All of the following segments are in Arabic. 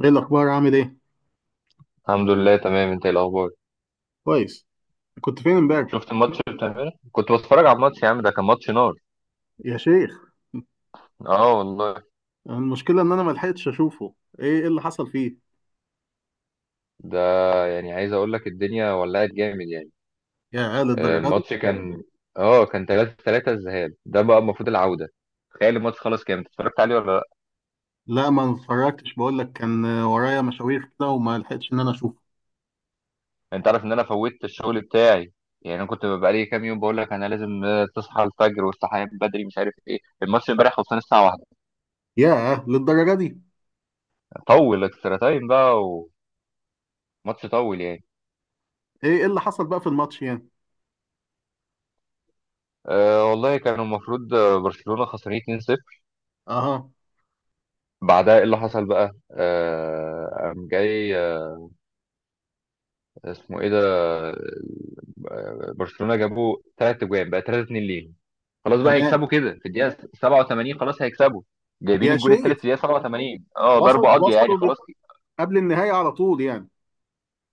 ايه الاخبار؟ عامل ايه؟ الحمد لله تمام، انت ايه الاخبار؟ كويس. كنت فين امبارح؟ شفت الماتش بتاع امبارح؟ كنت بتفرج على الماتش يا عم، ده كان ماتش نار. يا شيخ. اه والله. المشكله ان انا ما لحقتش اشوفه. ايه اللي حصل فيه؟ ده يعني عايز اقول لك الدنيا ولعت جامد يعني. يا قال الدرجه دي؟ الماتش كان 3-3، الذهاب ده بقى، المفروض العودة. تخيل الماتش خلاص. كام، انت اتفرجت عليه ولا لا؟ لا، ما اتفرجتش، بقول لك كان ورايا مشاوير كده وما لحقتش ان انا اشوفه. انت عارف ان انا فوتت الشغل بتاعي. يعني انا كنت بقى لي كام يوم بقول لك انا لازم، تصحى الفجر والصحيان بدري مش عارف ايه، الماتش امبارح خلصان الساعة واحدة. يا للدرجه دي. طول اكسترا تايم بقى. وماتش طول يعني. ايه اللي حصل بقى في الماتش يعني؟ أه والله كانوا المفروض، برشلونة خسرانين 2-0. اها، بعدها ايه اللي حصل بقى؟ قام جاي اسمه ايه ده؟ برشلونة جابوا ثلاث اجوان، بقى 3-2 ليهم. خلاص بقى تمام. هيكسبوا كده، في الدقيقة 87 خلاص هيكسبوا. جايبين يا الجول شيخ. الثالث في الدقيقة 87، وصل ضربة قاضية يعني وصلوا لل- خلاص. قبل النهايه على طول يعني.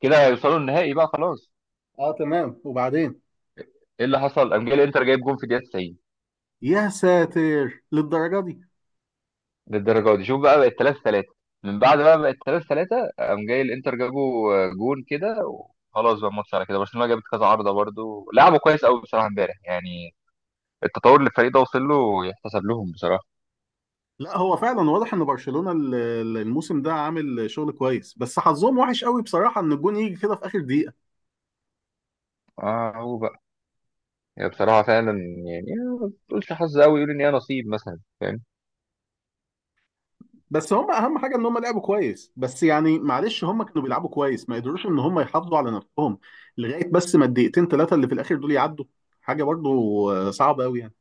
كده هيوصلوا النهائي بقى خلاص. اه، تمام، وبعدين؟ ايه اللي حصل؟ قام جاي الانتر جايب جون في الدقيقة 90 يا ساتر للدرجه دي. للدرجة دي. شوف بقى، بقت 3-3. من بعد بقى بقت 3 3، قام جاي الانتر جابوا جون كده. خلاص بقى، الماتش على كده. برشلونه جابت كذا عارضه، برضو لعبوا كويس قوي بصراحه امبارح يعني. التطور اللي الفريق ده وصل له يحتسب لهم بصراحه. لا، هو فعلا واضح ان برشلونة الموسم ده عامل شغل كويس، بس حظهم وحش قوي بصراحة، ان الجون يجي كده في اخر دقيقة. اه، هو بقى. يعني بصراحه فعلا. يعني، ما تقولش حظ قوي، يقول ان هي نصيب مثلا. فاهم؟ بس هم اهم حاجة ان هم لعبوا كويس، بس يعني معلش، هم كانوا بيلعبوا كويس ما قدروش ان هم يحافظوا على نفسهم لغاية بس ما الدقيقتين ثلاثة اللي في الاخر دول يعدوا. حاجة برضو صعبة قوي يعني.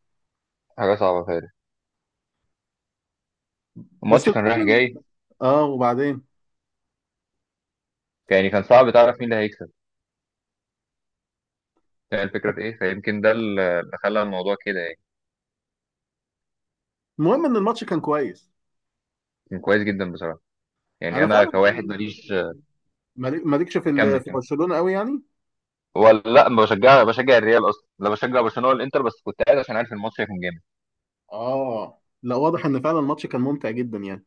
حاجه صعبه فعلا. بس الماتش كان رايح المهم إن- جاي. اه، وبعدين. يعني كان صعب تعرف مين اللي هيكسب. فاهم الفكره في ايه؟ فيمكن ده اللي خلى الموضوع كده يعني. المهم ان الماتش كان كويس. كان كويس جدا بصراحه. يعني انا انا فعلا كواحد ماليش. مالكش كمل في كمل. برشلونة قوي يعني. ولا لا، ما بشجع الريال اصلا، لا بشجع برشلونه ولا الانتر، بس كنت قاعد عشان عارف الماتش هيكون جامد. اه، لا، واضح ان فعلا الماتش كان ممتع جدا يعني.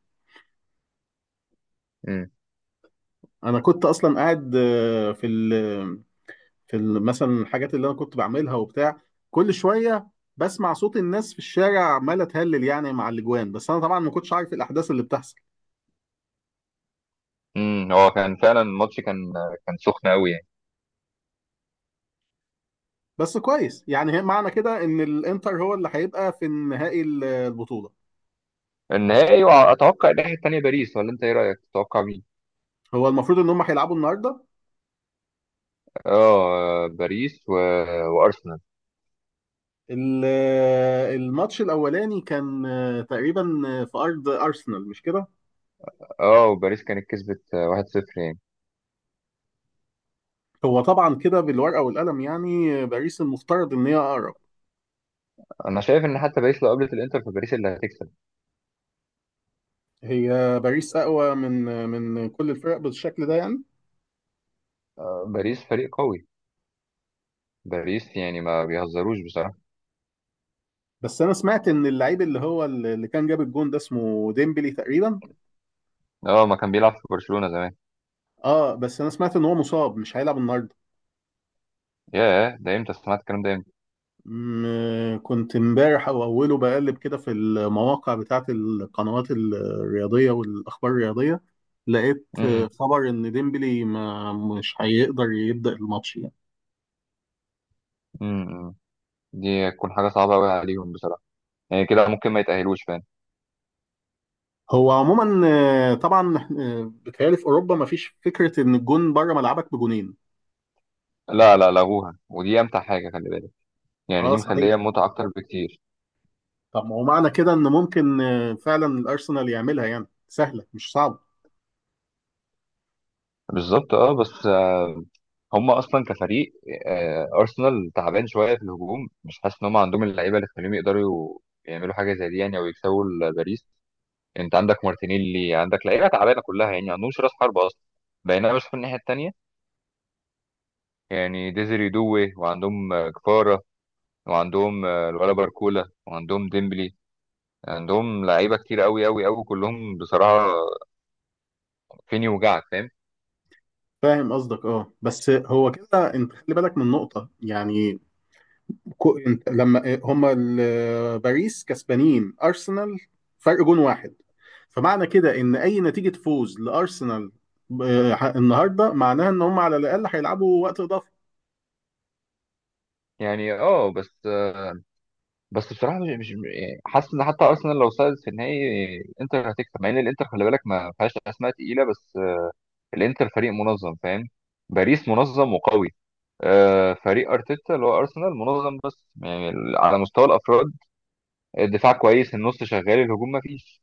امم. انا كنت اصلا قاعد في ال مثلا الحاجات اللي انا كنت بعملها وبتاع، كل شويه بسمع صوت الناس في الشارع عماله تهلل يعني مع الاجوان، بس انا طبعا ما كنتش عارف إيه الاحداث اللي بتحصل. هو كان فعلا، الماتش كان سخن قوي يعني. بس كويس يعني، هي معنى كده ان الانتر هو اللي هيبقى في النهائي، البطوله. النهائي، واتوقع الناحيه الثانيه باريس، ولا انت ايه رايك؟ تتوقع مين؟ هو المفروض ان هم هيلعبوا النهارده. اه، باريس وارسنال. ال- الماتش الاولاني كان تقريبا في ارض ارسنال، مش كده؟ اه، وباريس كانت كسبت، 1-0 يعني. هو طبعا كده بالورقه والقلم يعني، باريس المفترض ان هي اقرب. انا شايف ان حتى باريس لو قابلت الانتر، فباريس اللي هتكسب. هي باريس اقوى من كل الفرق بالشكل ده يعني. باريس فريق قوي. باريس يعني ما بيهزروش بصراحه. بس انا سمعت ان اللعيب اللي هو اللي كان جاب الجون ده اسمه ديمبلي تقريبا. اه، ما كان بيلعب في برشلونه زمان. اه، بس انا سمعت ان هو مصاب مش هيلعب النهارده. ياه، ده امتى سمعت الكلام ده؟ امتى؟ كنت امبارح او اوله بقلب كده في المواقع بتاعت القنوات الرياضيه والاخبار الرياضيه، لقيت امم، خبر ان ديمبلي ما مش هيقدر يبدا الماتش يعني. امم، دي تكون حاجه صعبه قوي عليهم بصراحه. يعني كده ممكن ما يتاهلوش فعلا. هو عموما طبعا بيتهيألي في اوروبا ما فيش فكره ان الجون بره ملعبك بجونين. لا، لا لغوها، ودي امتع حاجه، خلي بالك. يعني اه، دي صحيح. مخليه متعه اكتر بكتير. طب ما هو معنى كده ان ممكن فعلا الارسنال يعملها يعني، سهله مش صعبه. بالظبط، اه، بس هم اصلا كفريق، ارسنال تعبان شويه في الهجوم، مش حاسس ان هم عندهم اللعيبه اللي تخليهم يقدروا يعملوا حاجه زي دي يعني، او يكسبوا باريس. انت عندك مارتينيلي، عندك لعيبه تعبانه كلها يعني، ما عندهمش راس حرب اصلا. بينما بشوف الناحيه التانيه، يعني ديزري دوي، وعندهم كفاره، وعندهم الولا باركولا، وعندهم ديمبلي. عندهم لعيبه كتير قوي قوي قوي كلهم بصراحه. فين يوجعك؟ فاهم؟ فاهم قصدك، اه، بس هو كده، انت خلي بالك من نقطه يعني. كو انت لما آه، هما ال- آه، باريس كسبانين ارسنال فرق جون واحد، فمعنى كده ان اي نتيجه فوز لارسنال النهارده معناها ان هم على الاقل هيلعبوا وقت اضافي. يعني اه، بس بصراحه، مش يعني حاسس ان حتى ارسنال لو صعدت في النهائي الانتر هتكسب، مع ان الانتر خلي بالك ما فيهاش اسماء تقيله، بس الانتر فريق منظم، فاهم؟ باريس منظم وقوي. فريق ارتيتا اللي هو ارسنال منظم، بس يعني على مستوى الافراد، الدفاع كويس، النص شغال، الهجوم ما فيش.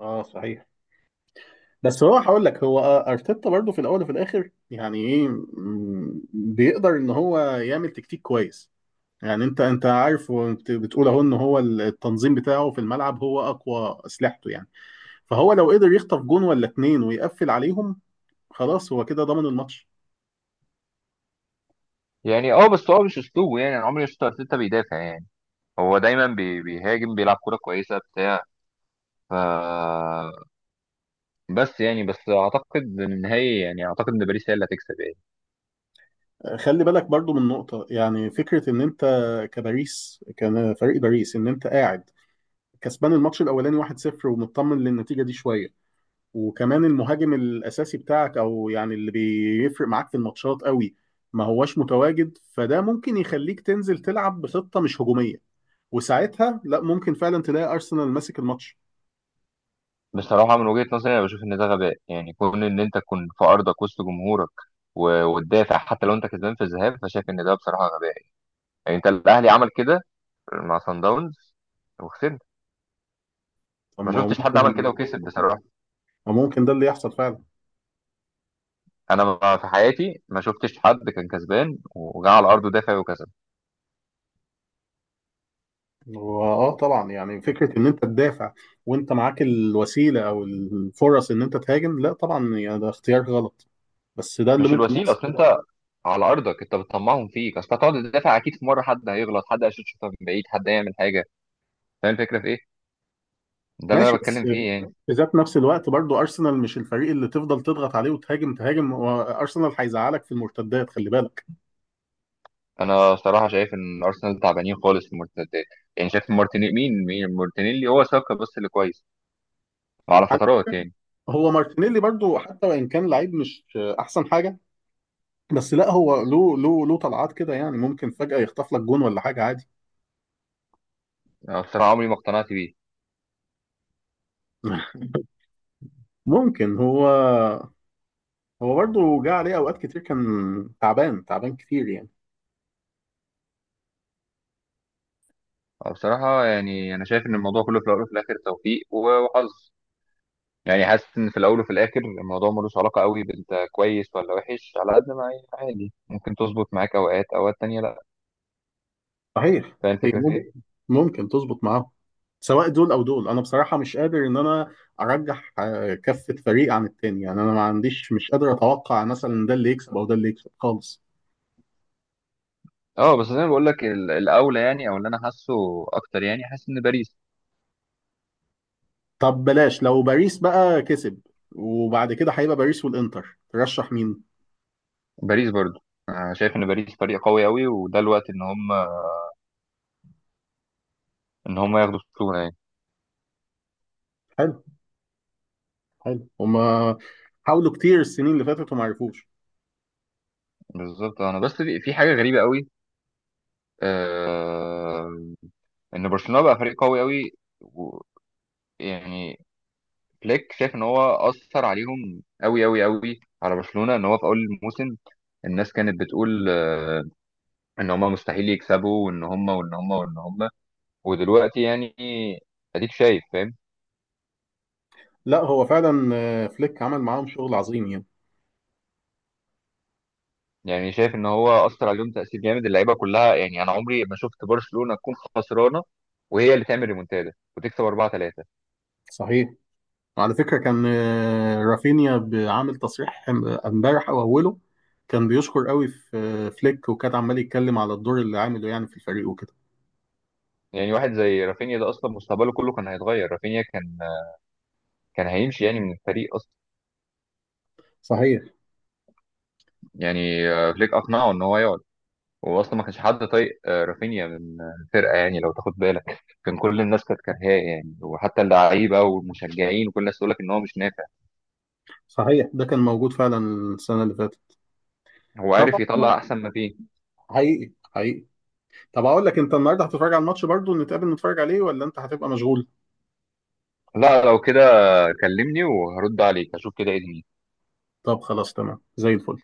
اه، صحيح. بس هو هقول لك، هو ارتيتا برضو في الاول وفي الاخر يعني ايه، بيقدر ان هو يعمل تكتيك كويس. يعني انت عارف وانت بتقول اهو، ان هو التنظيم بتاعه في الملعب هو اقوى اسلحته يعني. فهو لو قدر يخطف جون ولا اتنين ويقفل عليهم، خلاص هو كده ضمن الماتش. يعني اه، بس هو مش اسلوبه. يعني انا عمري ما شفت ارتيتا بيدافع يعني. هو دايما بيهاجم، بيلعب كوره كويسه بتاع. ف بس يعني، بس اعتقد ان النهائي، يعني اعتقد ان باريس هي اللي هتكسب يعني. خلي بالك برضو من نقطة، يعني فكرة ان انت كباريس، كان فريق باريس ان انت قاعد كسبان الماتش الاولاني 1-0 ومطمن للنتيجة دي شوية، وكمان المهاجم الاساسي بتاعك او يعني اللي بيفرق معاك في الماتشات قوي ما هواش متواجد، فده ممكن يخليك تنزل تلعب بخطة مش هجومية، وساعتها لا، ممكن فعلا تلاقي ارسنال ماسك الماتش. بصراحة من وجهة نظري، أنا بشوف إن ده غباء، يعني كون إن أنت تكون في أرضك وسط جمهورك وتدافع، حتى لو أنت كسبان في الذهاب، فشايف إن ده بصراحة غباء. يعني أنت، الأهلي عمل كده مع صن داونز، وخسرنا. طب ما ما هو شفتش حد عمل كده ممكن، وكسب بصراحة. ما ممكن ده اللي يحصل فعلا. أنا في حياتي ما شفتش حد كان كسبان وجا على أرضه دافع وكسب. واه، طبعا، يعني فكره ان انت تدافع وانت معاك الوسيله او الفرص ان انت تهاجم، لا طبعا يعني ده اختيار غلط، بس ده اللي مش ممكن الوسيلة، يحصل. أصل أنت على أرضك أنت بتطمعهم فيك، أصل هتقعد تدافع أكيد في مرة حد هيغلط، حد هيشوط شوطة من بعيد، حد هيعمل حاجة. فاهم الفكرة في إيه؟ ده اللي ماشي، أنا بتكلم بس فيه يعني. في ذات نفس الوقت برضو ارسنال مش الفريق اللي تفضل تضغط عليه وتهاجم تهاجم، وارسنال هيزعلك في المرتدات خلي بالك. انا صراحه شايف ان ارسنال تعبانين خالص في المرتدات. يعني شايف مارتينيلي، مين مين مارتينيلي، هو ساكا بس اللي كويس على فترات يعني. هو مارتينيلي برضو حتى وان كان لعيب مش احسن حاجه، بس لا، هو له طلعات كده يعني، ممكن فجأة يخطف لك جون ولا حاجة عادي. أنا بصراحه عمري ما اقتنعت بيه. ممكن هو، هو برضه جه عليه أوقات كتير كان تعبان تعبان كتير يعني. أنا بصراحه يعني، انا شايف ان الموضوع كله في الاول وفي الاخر توفيق وحظ. يعني حاسس ان في الاول وفي الاخر الموضوع ملوش علاقه قوي بانت كويس ولا وحش، على قد ما هي عادي ممكن تظبط معاك اوقات، اوقات تانية لا. صحيح. فاهم هي الفكره في مم- ايه؟ ممكن تظبط معاه. سواء دول أو دول، أنا بصراحة مش قادر إن أنا أرجح كفة فريق عن التاني، يعني أنا ما عنديش، مش قادر أتوقع مثلا ده اللي يكسب أو ده اللي يكسب خالص. اه، بس زي ما بقول لك الاولى يعني، او اللي انا حاسه اكتر، يعني حاسس ان باريس. طب بلاش، لو باريس بقى كسب وبعد كده هيبقى باريس والإنتر، ترشح مين؟ باريس برضه. أنا شايف ان باريس فريق قوي قوي، وده الوقت ان هم ياخدوا الشغل يعني. حلو. حلو. هما حاولوا كتير السنين اللي فاتت وما عرفوش. بالظبط، انا بس في حاجه غريبه قوي، آه ان برشلونه بقى فريق قوي قوي، و- يعني فليك شايف ان هو اثر عليهم قوي قوي قوي على برشلونه، ان هو في اول الموسم الناس كانت بتقول، ان هم مستحيل يكسبوا، وان هم. ودلوقتي يعني، اديك شايف؟ فاهم؟ لا، هو فعلا فليك عمل معاهم شغل عظيم يعني. يعني شايف ان هو اثر عليهم تاثير جامد، اللعيبه كلها. يعني انا عمري ما شفت برشلونه تكون خسرانه وهي اللي تعمل ريمونتادا وتكسب 4-3. صحيح. وعلى فكرة كان رافينيا عامل تصريح امبارح او اوله، كان بيشكر قوي في فليك، وكان عمال يتكلم على الدور اللي عامله يعني في الفريق وكده. يعني واحد زي رافينيا ده، اصلا مستقبله كله كان هيتغير. رافينيا كان هيمشي يعني من الفريق اصلا. صحيح. يعني، فليك اقنعه ان هو يقعد. هو اصلا ما كانش حد طايق رافينيا من الفرقه يعني لو تاخد بالك. كان كل الناس كانت كارهاه يعني، وحتى اللعيبه والمشجعين وكل الناس تقول لك ان هو مش نافع. صحيح، ده كان موجود فعلا السنة اللي فاتت. هو عارف طبعا. يطلع احسن ما فيه. حقيقي حقيقي. طب اقول لك، انت النهارده هتتفرج على الماتش برضو؟ نتقابل نتفرج عليه ولا انت هتبقى مشغول؟ لا، لو كده كلمني وهرد عليك، اشوف كده ايه دنيتي. طب خلاص، تمام زي الفل.